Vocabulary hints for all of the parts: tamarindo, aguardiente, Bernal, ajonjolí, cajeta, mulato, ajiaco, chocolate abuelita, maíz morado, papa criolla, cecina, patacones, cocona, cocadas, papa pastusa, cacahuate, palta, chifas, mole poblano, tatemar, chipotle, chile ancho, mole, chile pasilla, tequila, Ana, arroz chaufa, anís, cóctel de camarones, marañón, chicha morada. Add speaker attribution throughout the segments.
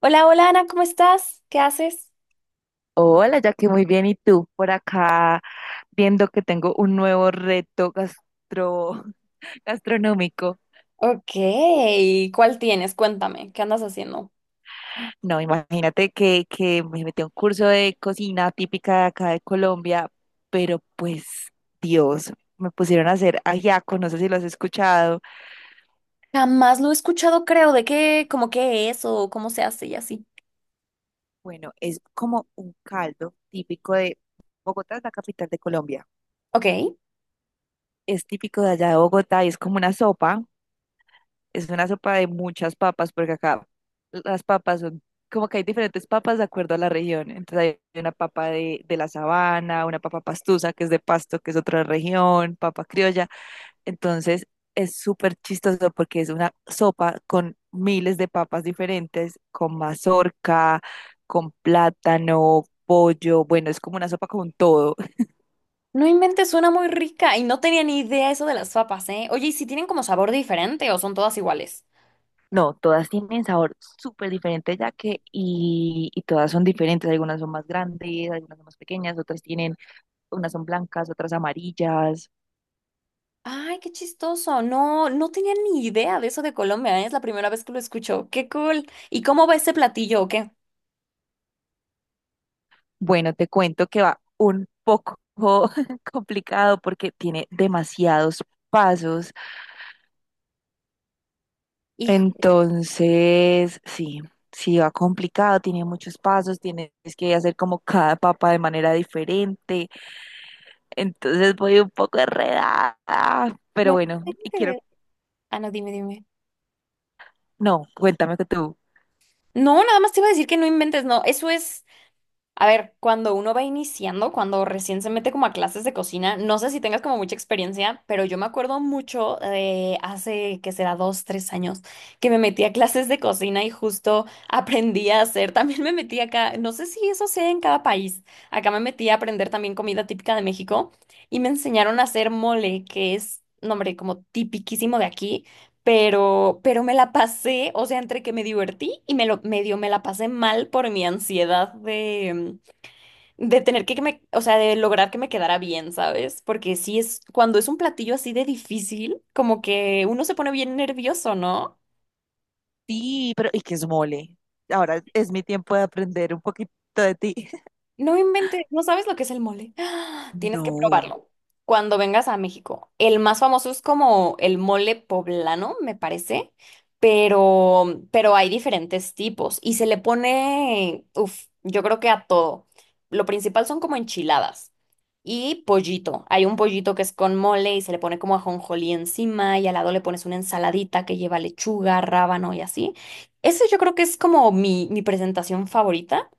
Speaker 1: Hola, hola Ana, ¿cómo estás? ¿Qué haces?
Speaker 2: Hola, ya que muy bien. ¿Y tú? Por acá viendo que tengo un nuevo reto gastro, gastronómico.
Speaker 1: Ok, ¿cuál tienes? Cuéntame, ¿qué andas haciendo?
Speaker 2: No, imagínate que me metí a un curso de cocina típica de acá de Colombia, pero pues, Dios, me pusieron a hacer ajiaco, no sé si lo has escuchado.
Speaker 1: Jamás lo he escuchado, creo, de qué, como qué es o cómo se hace y así.
Speaker 2: Bueno, es como un caldo típico de Bogotá, es la capital de Colombia.
Speaker 1: Ok.
Speaker 2: Es típico de allá de Bogotá y es como una sopa de muchas papas, porque acá las papas son, como que hay diferentes papas de acuerdo a la región. Entonces hay una papa de la sabana, una papa pastusa, que es de Pasto, que es otra región, papa criolla. Entonces es súper chistoso porque es una sopa con miles de papas diferentes, con mazorca, con plátano, pollo. Bueno, es como una sopa con todo.
Speaker 1: No inventes, suena muy rica y no tenía ni idea eso de las papas, ¿eh? Oye, ¿y si tienen como sabor diferente o son todas iguales?
Speaker 2: No, todas tienen sabor súper diferente ya que y todas son diferentes. Algunas son más grandes, algunas son más pequeñas, otras tienen, unas son blancas, otras amarillas.
Speaker 1: Ay, qué chistoso. No, no tenía ni idea de eso de Colombia, ¿eh? Es la primera vez que lo escucho. Qué cool. ¿Y cómo va ese platillo o qué?
Speaker 2: Bueno, te cuento que va un poco complicado porque tiene demasiados pasos.
Speaker 1: Hijo,
Speaker 2: Entonces, sí, sí va complicado, tiene muchos pasos, tienes que hacer como cada papa de manera diferente. Entonces voy un poco enredada, pero
Speaker 1: no
Speaker 2: bueno, y quiero.
Speaker 1: inventes. Ah, no, dime, dime.
Speaker 2: No, cuéntame que tú.
Speaker 1: No, nada más te iba a decir que no inventes, no. Eso es. A ver, cuando uno va iniciando, cuando recién se mete como a clases de cocina, no sé si tengas como mucha experiencia, pero yo me acuerdo mucho de hace, que será dos, tres años, que me metí a clases de cocina y justo aprendí a hacer, también me metí acá, no sé si eso sea en cada país, acá me metí a aprender también comida típica de México y me enseñaron a hacer mole, que es, no, hombre, como tipiquísimo de aquí, pero me la pasé, o sea, entre que me divertí y me lo, medio me la pasé mal por mi ansiedad de de tener que me, o sea, de lograr que me quedara bien, ¿sabes? Porque sí es, cuando es un platillo así de difícil, como que uno se pone bien nervioso, ¿no?
Speaker 2: Sí, pero ¿y qué es mole? Ahora es mi tiempo de aprender un poquito de ti.
Speaker 1: No inventes, no sabes lo que es el mole. ¡Ah! Tienes que
Speaker 2: No.
Speaker 1: probarlo cuando vengas a México. El más famoso es como el mole poblano, me parece, pero hay diferentes tipos y se le pone, uff, yo creo que a todo. Lo principal son como enchiladas y pollito. Hay un pollito que es con mole y se le pone como ajonjolí encima y al lado le pones una ensaladita que lleva lechuga, rábano y así. Ese yo creo que es como mi presentación favorita.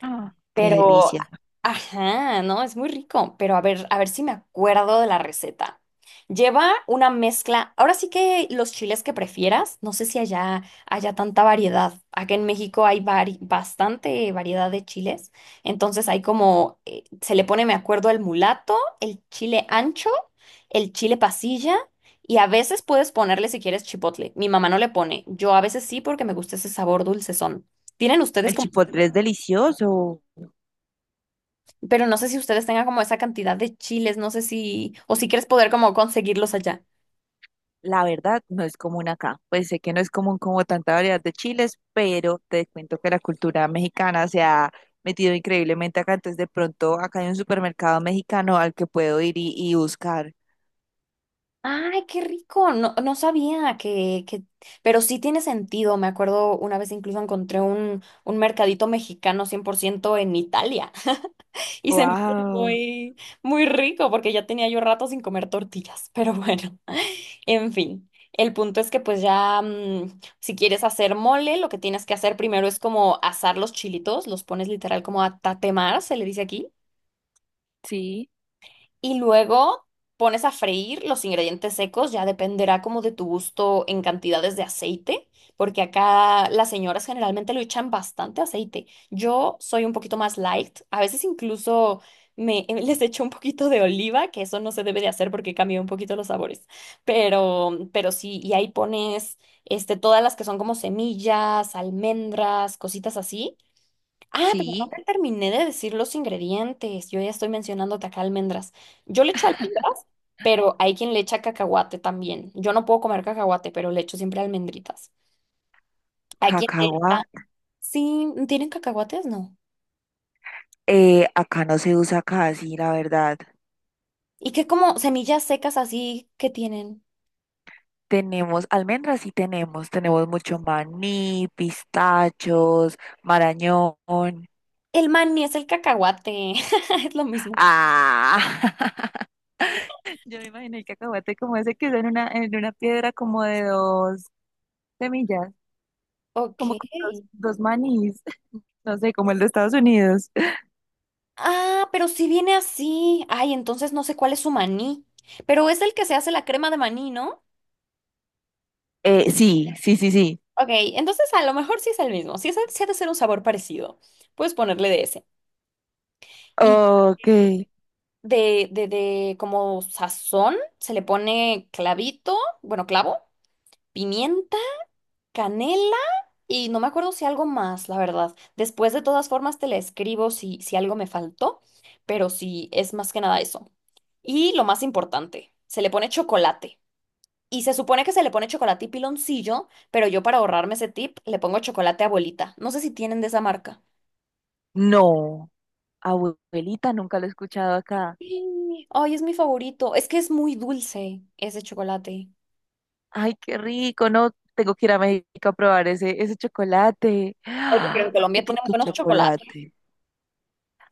Speaker 2: Ah, qué
Speaker 1: Pero,
Speaker 2: delicia.
Speaker 1: ajá, no, es muy rico. Pero a ver si me acuerdo de la receta. Lleva una mezcla. Ahora sí que los chiles que prefieras, no sé si allá haya tanta variedad. Acá en México hay bastante variedad de chiles. Entonces hay como, se le pone, me acuerdo, el mulato, el chile ancho, el chile pasilla. Y a veces puedes ponerle si quieres chipotle. Mi mamá no le pone. Yo a veces sí porque me gusta ese sabor dulcezón. ¿Tienen ustedes
Speaker 2: El
Speaker 1: como?
Speaker 2: chipotle es delicioso.
Speaker 1: Pero no sé si ustedes tengan como esa cantidad de chiles, no sé si, o si quieres poder como conseguirlos allá.
Speaker 2: La verdad, no es común acá. Pues sé que no es común como tanta variedad de chiles, pero te cuento que la cultura mexicana se ha metido increíblemente acá. Entonces, de pronto, acá hay un supermercado mexicano al que puedo ir y buscar.
Speaker 1: Ay, qué rico, no, no sabía que, pero sí tiene sentido, me acuerdo una vez incluso encontré un mercadito mexicano 100% en Italia y se me hizo
Speaker 2: Wow,
Speaker 1: muy, muy rico porque ya tenía yo rato sin comer tortillas, pero bueno, en fin. El punto es que pues ya, si quieres hacer mole, lo que tienes que hacer primero es como asar los chilitos, los pones literal como a tatemar, se le dice aquí.
Speaker 2: sí.
Speaker 1: Y luego pones a freír los ingredientes secos, ya dependerá como de tu gusto en cantidades de aceite, porque acá las señoras generalmente lo echan bastante aceite. Yo soy un poquito más light, a veces incluso me les echo un poquito de oliva, que eso no se debe de hacer porque cambia un poquito los sabores. Pero sí, y ahí pones este todas las que son como semillas, almendras, cositas así. Ah, pero no
Speaker 2: Sí,
Speaker 1: te terminé de decir los ingredientes. Yo ya estoy mencionándote acá almendras. Yo le echo almendras, pero hay quien le echa cacahuate también. Yo no puedo comer cacahuate, pero le echo siempre almendritas. Hay quien le
Speaker 2: cacahua.
Speaker 1: echa. Sí, ¿tienen cacahuates? No.
Speaker 2: Acá no se usa casi, la verdad.
Speaker 1: ¿Y qué como semillas secas así que tienen?
Speaker 2: Tenemos almendras, sí tenemos. Tenemos mucho maní, pistachos, marañón.
Speaker 1: El maní es el cacahuate. Es lo mismo.
Speaker 2: Ah, yo me imaginé el cacahuate como ese que es en una piedra como de dos semillas,
Speaker 1: Ok.
Speaker 2: como con dos, dos manís, no sé, como el de Estados Unidos.
Speaker 1: Ah, pero si viene así. Ay, entonces no sé cuál es su maní. Pero es el que se hace la crema de maní, ¿no?
Speaker 2: Sí, sí, sí, sí.
Speaker 1: Ok, entonces a lo mejor sí es el mismo. Si es, si ha de ser un sabor parecido, puedes ponerle de ese. Y
Speaker 2: Ok.
Speaker 1: de como sazón, se le pone clavito, bueno, clavo, pimienta, canela y no me acuerdo si algo más, la verdad. Después de todas formas te le escribo si, si algo me faltó, pero sí es más que nada eso. Y lo más importante, se le pone chocolate. Y se supone que se le pone chocolate y piloncillo, pero yo para ahorrarme ese tip le pongo chocolate abuelita. No sé si tienen de esa marca.
Speaker 2: No, abuelita, nunca lo he escuchado acá.
Speaker 1: Sí. Ay, es mi favorito. Es que es muy dulce ese chocolate.
Speaker 2: Ay, qué rico, no, tengo que ir a México a probar ese, ese chocolate.
Speaker 1: Oye, pero en
Speaker 2: ¿Y
Speaker 1: Colombia
Speaker 2: por
Speaker 1: tienen
Speaker 2: qué
Speaker 1: buenos chocolates.
Speaker 2: chocolate?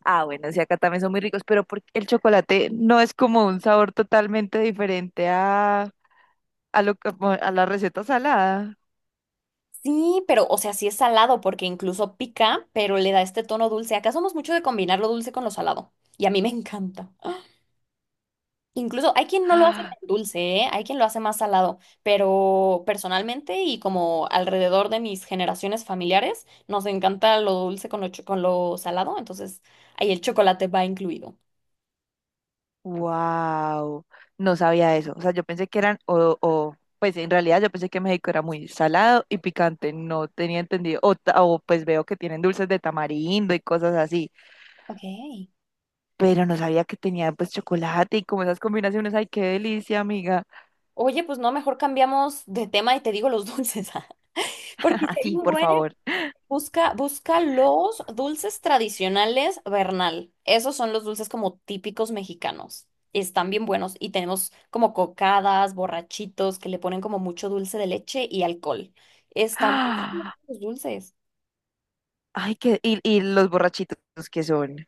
Speaker 2: Ah, bueno, sí, acá también son muy ricos, pero porque el chocolate no es como un sabor totalmente diferente a lo que- a la receta salada.
Speaker 1: Sí, pero, o sea, sí es salado porque incluso pica, pero le da este tono dulce. Acá somos mucho de combinar lo dulce con lo salado. Y a mí me encanta. ¡Ah! Incluso hay quien no lo hace tan dulce, ¿eh? Hay quien lo hace más salado. Pero personalmente y como alrededor de mis generaciones familiares, nos encanta lo dulce con lo, con lo salado. Entonces, ahí el chocolate va incluido.
Speaker 2: Wow, no sabía eso. O sea, yo pensé que eran, o, pues en realidad yo pensé que México era muy salado y picante, no tenía entendido. O, ta- o pues veo que tienen dulces de tamarindo y cosas así,
Speaker 1: Ok.
Speaker 2: pero no sabía que tenían pues chocolate y como esas combinaciones. Ay, qué delicia, amiga.
Speaker 1: Oye, pues no, mejor cambiamos de tema y te digo los dulces, porque si hay
Speaker 2: Así,
Speaker 1: un
Speaker 2: por
Speaker 1: buen,
Speaker 2: favor.
Speaker 1: busca, busca los dulces tradicionales Bernal. Esos son los dulces como típicos mexicanos. Están bien buenos y tenemos como cocadas, borrachitos, que le ponen como mucho dulce de leche y alcohol. Están muy buenos los dulces.
Speaker 2: Ay, que, y los borrachitos que son.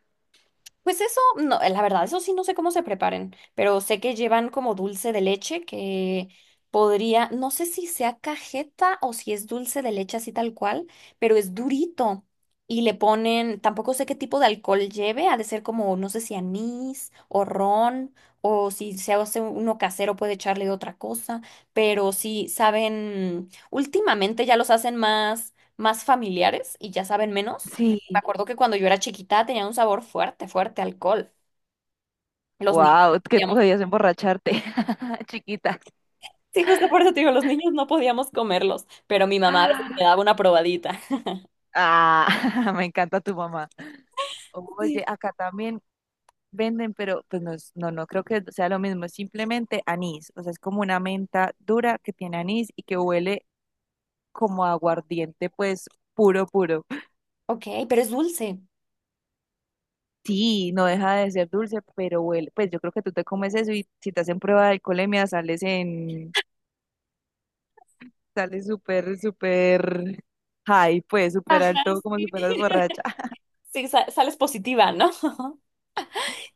Speaker 1: Pues eso, no, la verdad, eso sí no sé cómo se preparen, pero sé que llevan como dulce de leche que podría, no sé si sea cajeta o si es dulce de leche así tal cual, pero es durito y le ponen, tampoco sé qué tipo de alcohol lleve, ha de ser como, no sé si anís o ron o si se hace uno casero puede echarle otra cosa, pero sí saben, últimamente ya los hacen más, más familiares y ya saben menos. Me
Speaker 2: Sí.
Speaker 1: acuerdo que cuando yo era chiquita tenía un sabor fuerte, fuerte, a alcohol. Los niños,
Speaker 2: Wow, que
Speaker 1: no.
Speaker 2: podías emborracharte, chiquita.
Speaker 1: Sí, justo por eso te digo, los niños no podíamos comerlos, pero mi mamá a veces
Speaker 2: Ah,
Speaker 1: me daba una probadita.
Speaker 2: me encanta tu mamá.
Speaker 1: Sí.
Speaker 2: Oye, acá también venden, pero pues no, es- no, no creo que sea lo mismo, es simplemente anís, o sea, es como una menta dura que tiene anís y que huele como a aguardiente, pues puro, puro.
Speaker 1: Ok, pero es dulce.
Speaker 2: Sí, no deja de ser dulce, pero huele, pues yo creo que tú te comes eso y si te hacen prueba de alcoholemia sales en. Sale súper, súper high, pues súper
Speaker 1: Ajá,
Speaker 2: alto, como
Speaker 1: sí.
Speaker 2: si fueras borracha.
Speaker 1: Sí, sales positiva, ¿no?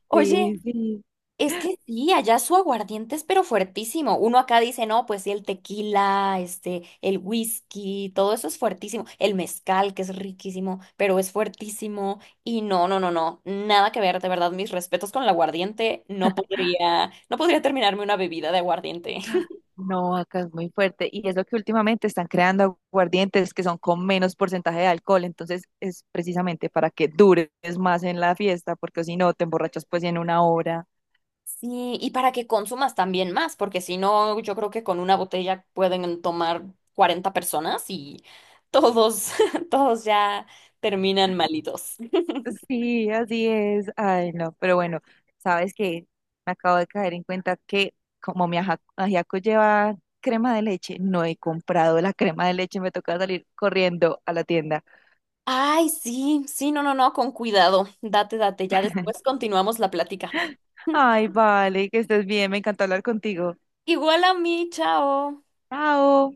Speaker 1: Oye,
Speaker 2: Sí, sí.
Speaker 1: es que sí, allá su aguardiente es pero fuertísimo. Uno acá dice, no, pues sí, el tequila, este, el whisky, todo eso es fuertísimo. El mezcal, que es riquísimo, pero es fuertísimo. Y no, no, no, no, nada que ver, de verdad, mis respetos con el aguardiente. No podría terminarme una bebida de aguardiente.
Speaker 2: No, acá es muy fuerte. Y es lo que últimamente están creando aguardientes que son con menos porcentaje de alcohol. Entonces es precisamente para que dures más en la fiesta, porque si no te emborrachas pues en una hora.
Speaker 1: Sí, y para que consumas también más, porque si no, yo creo que con una botella pueden tomar 40 personas y todos, todos ya terminan malitos.
Speaker 2: Sí, así es. Ay, no, pero bueno, sabes que me acabo de caer en cuenta que como mi aja- ajiaco lleva crema de leche, no he comprado la crema de leche, me toca salir corriendo a la tienda.
Speaker 1: Ay, sí, sí, no, no, no, con cuidado. Date, date, ya después continuamos la plática.
Speaker 2: Ay, vale, que estés bien, me encantó hablar contigo.
Speaker 1: Igual a mí, chao.
Speaker 2: Chao.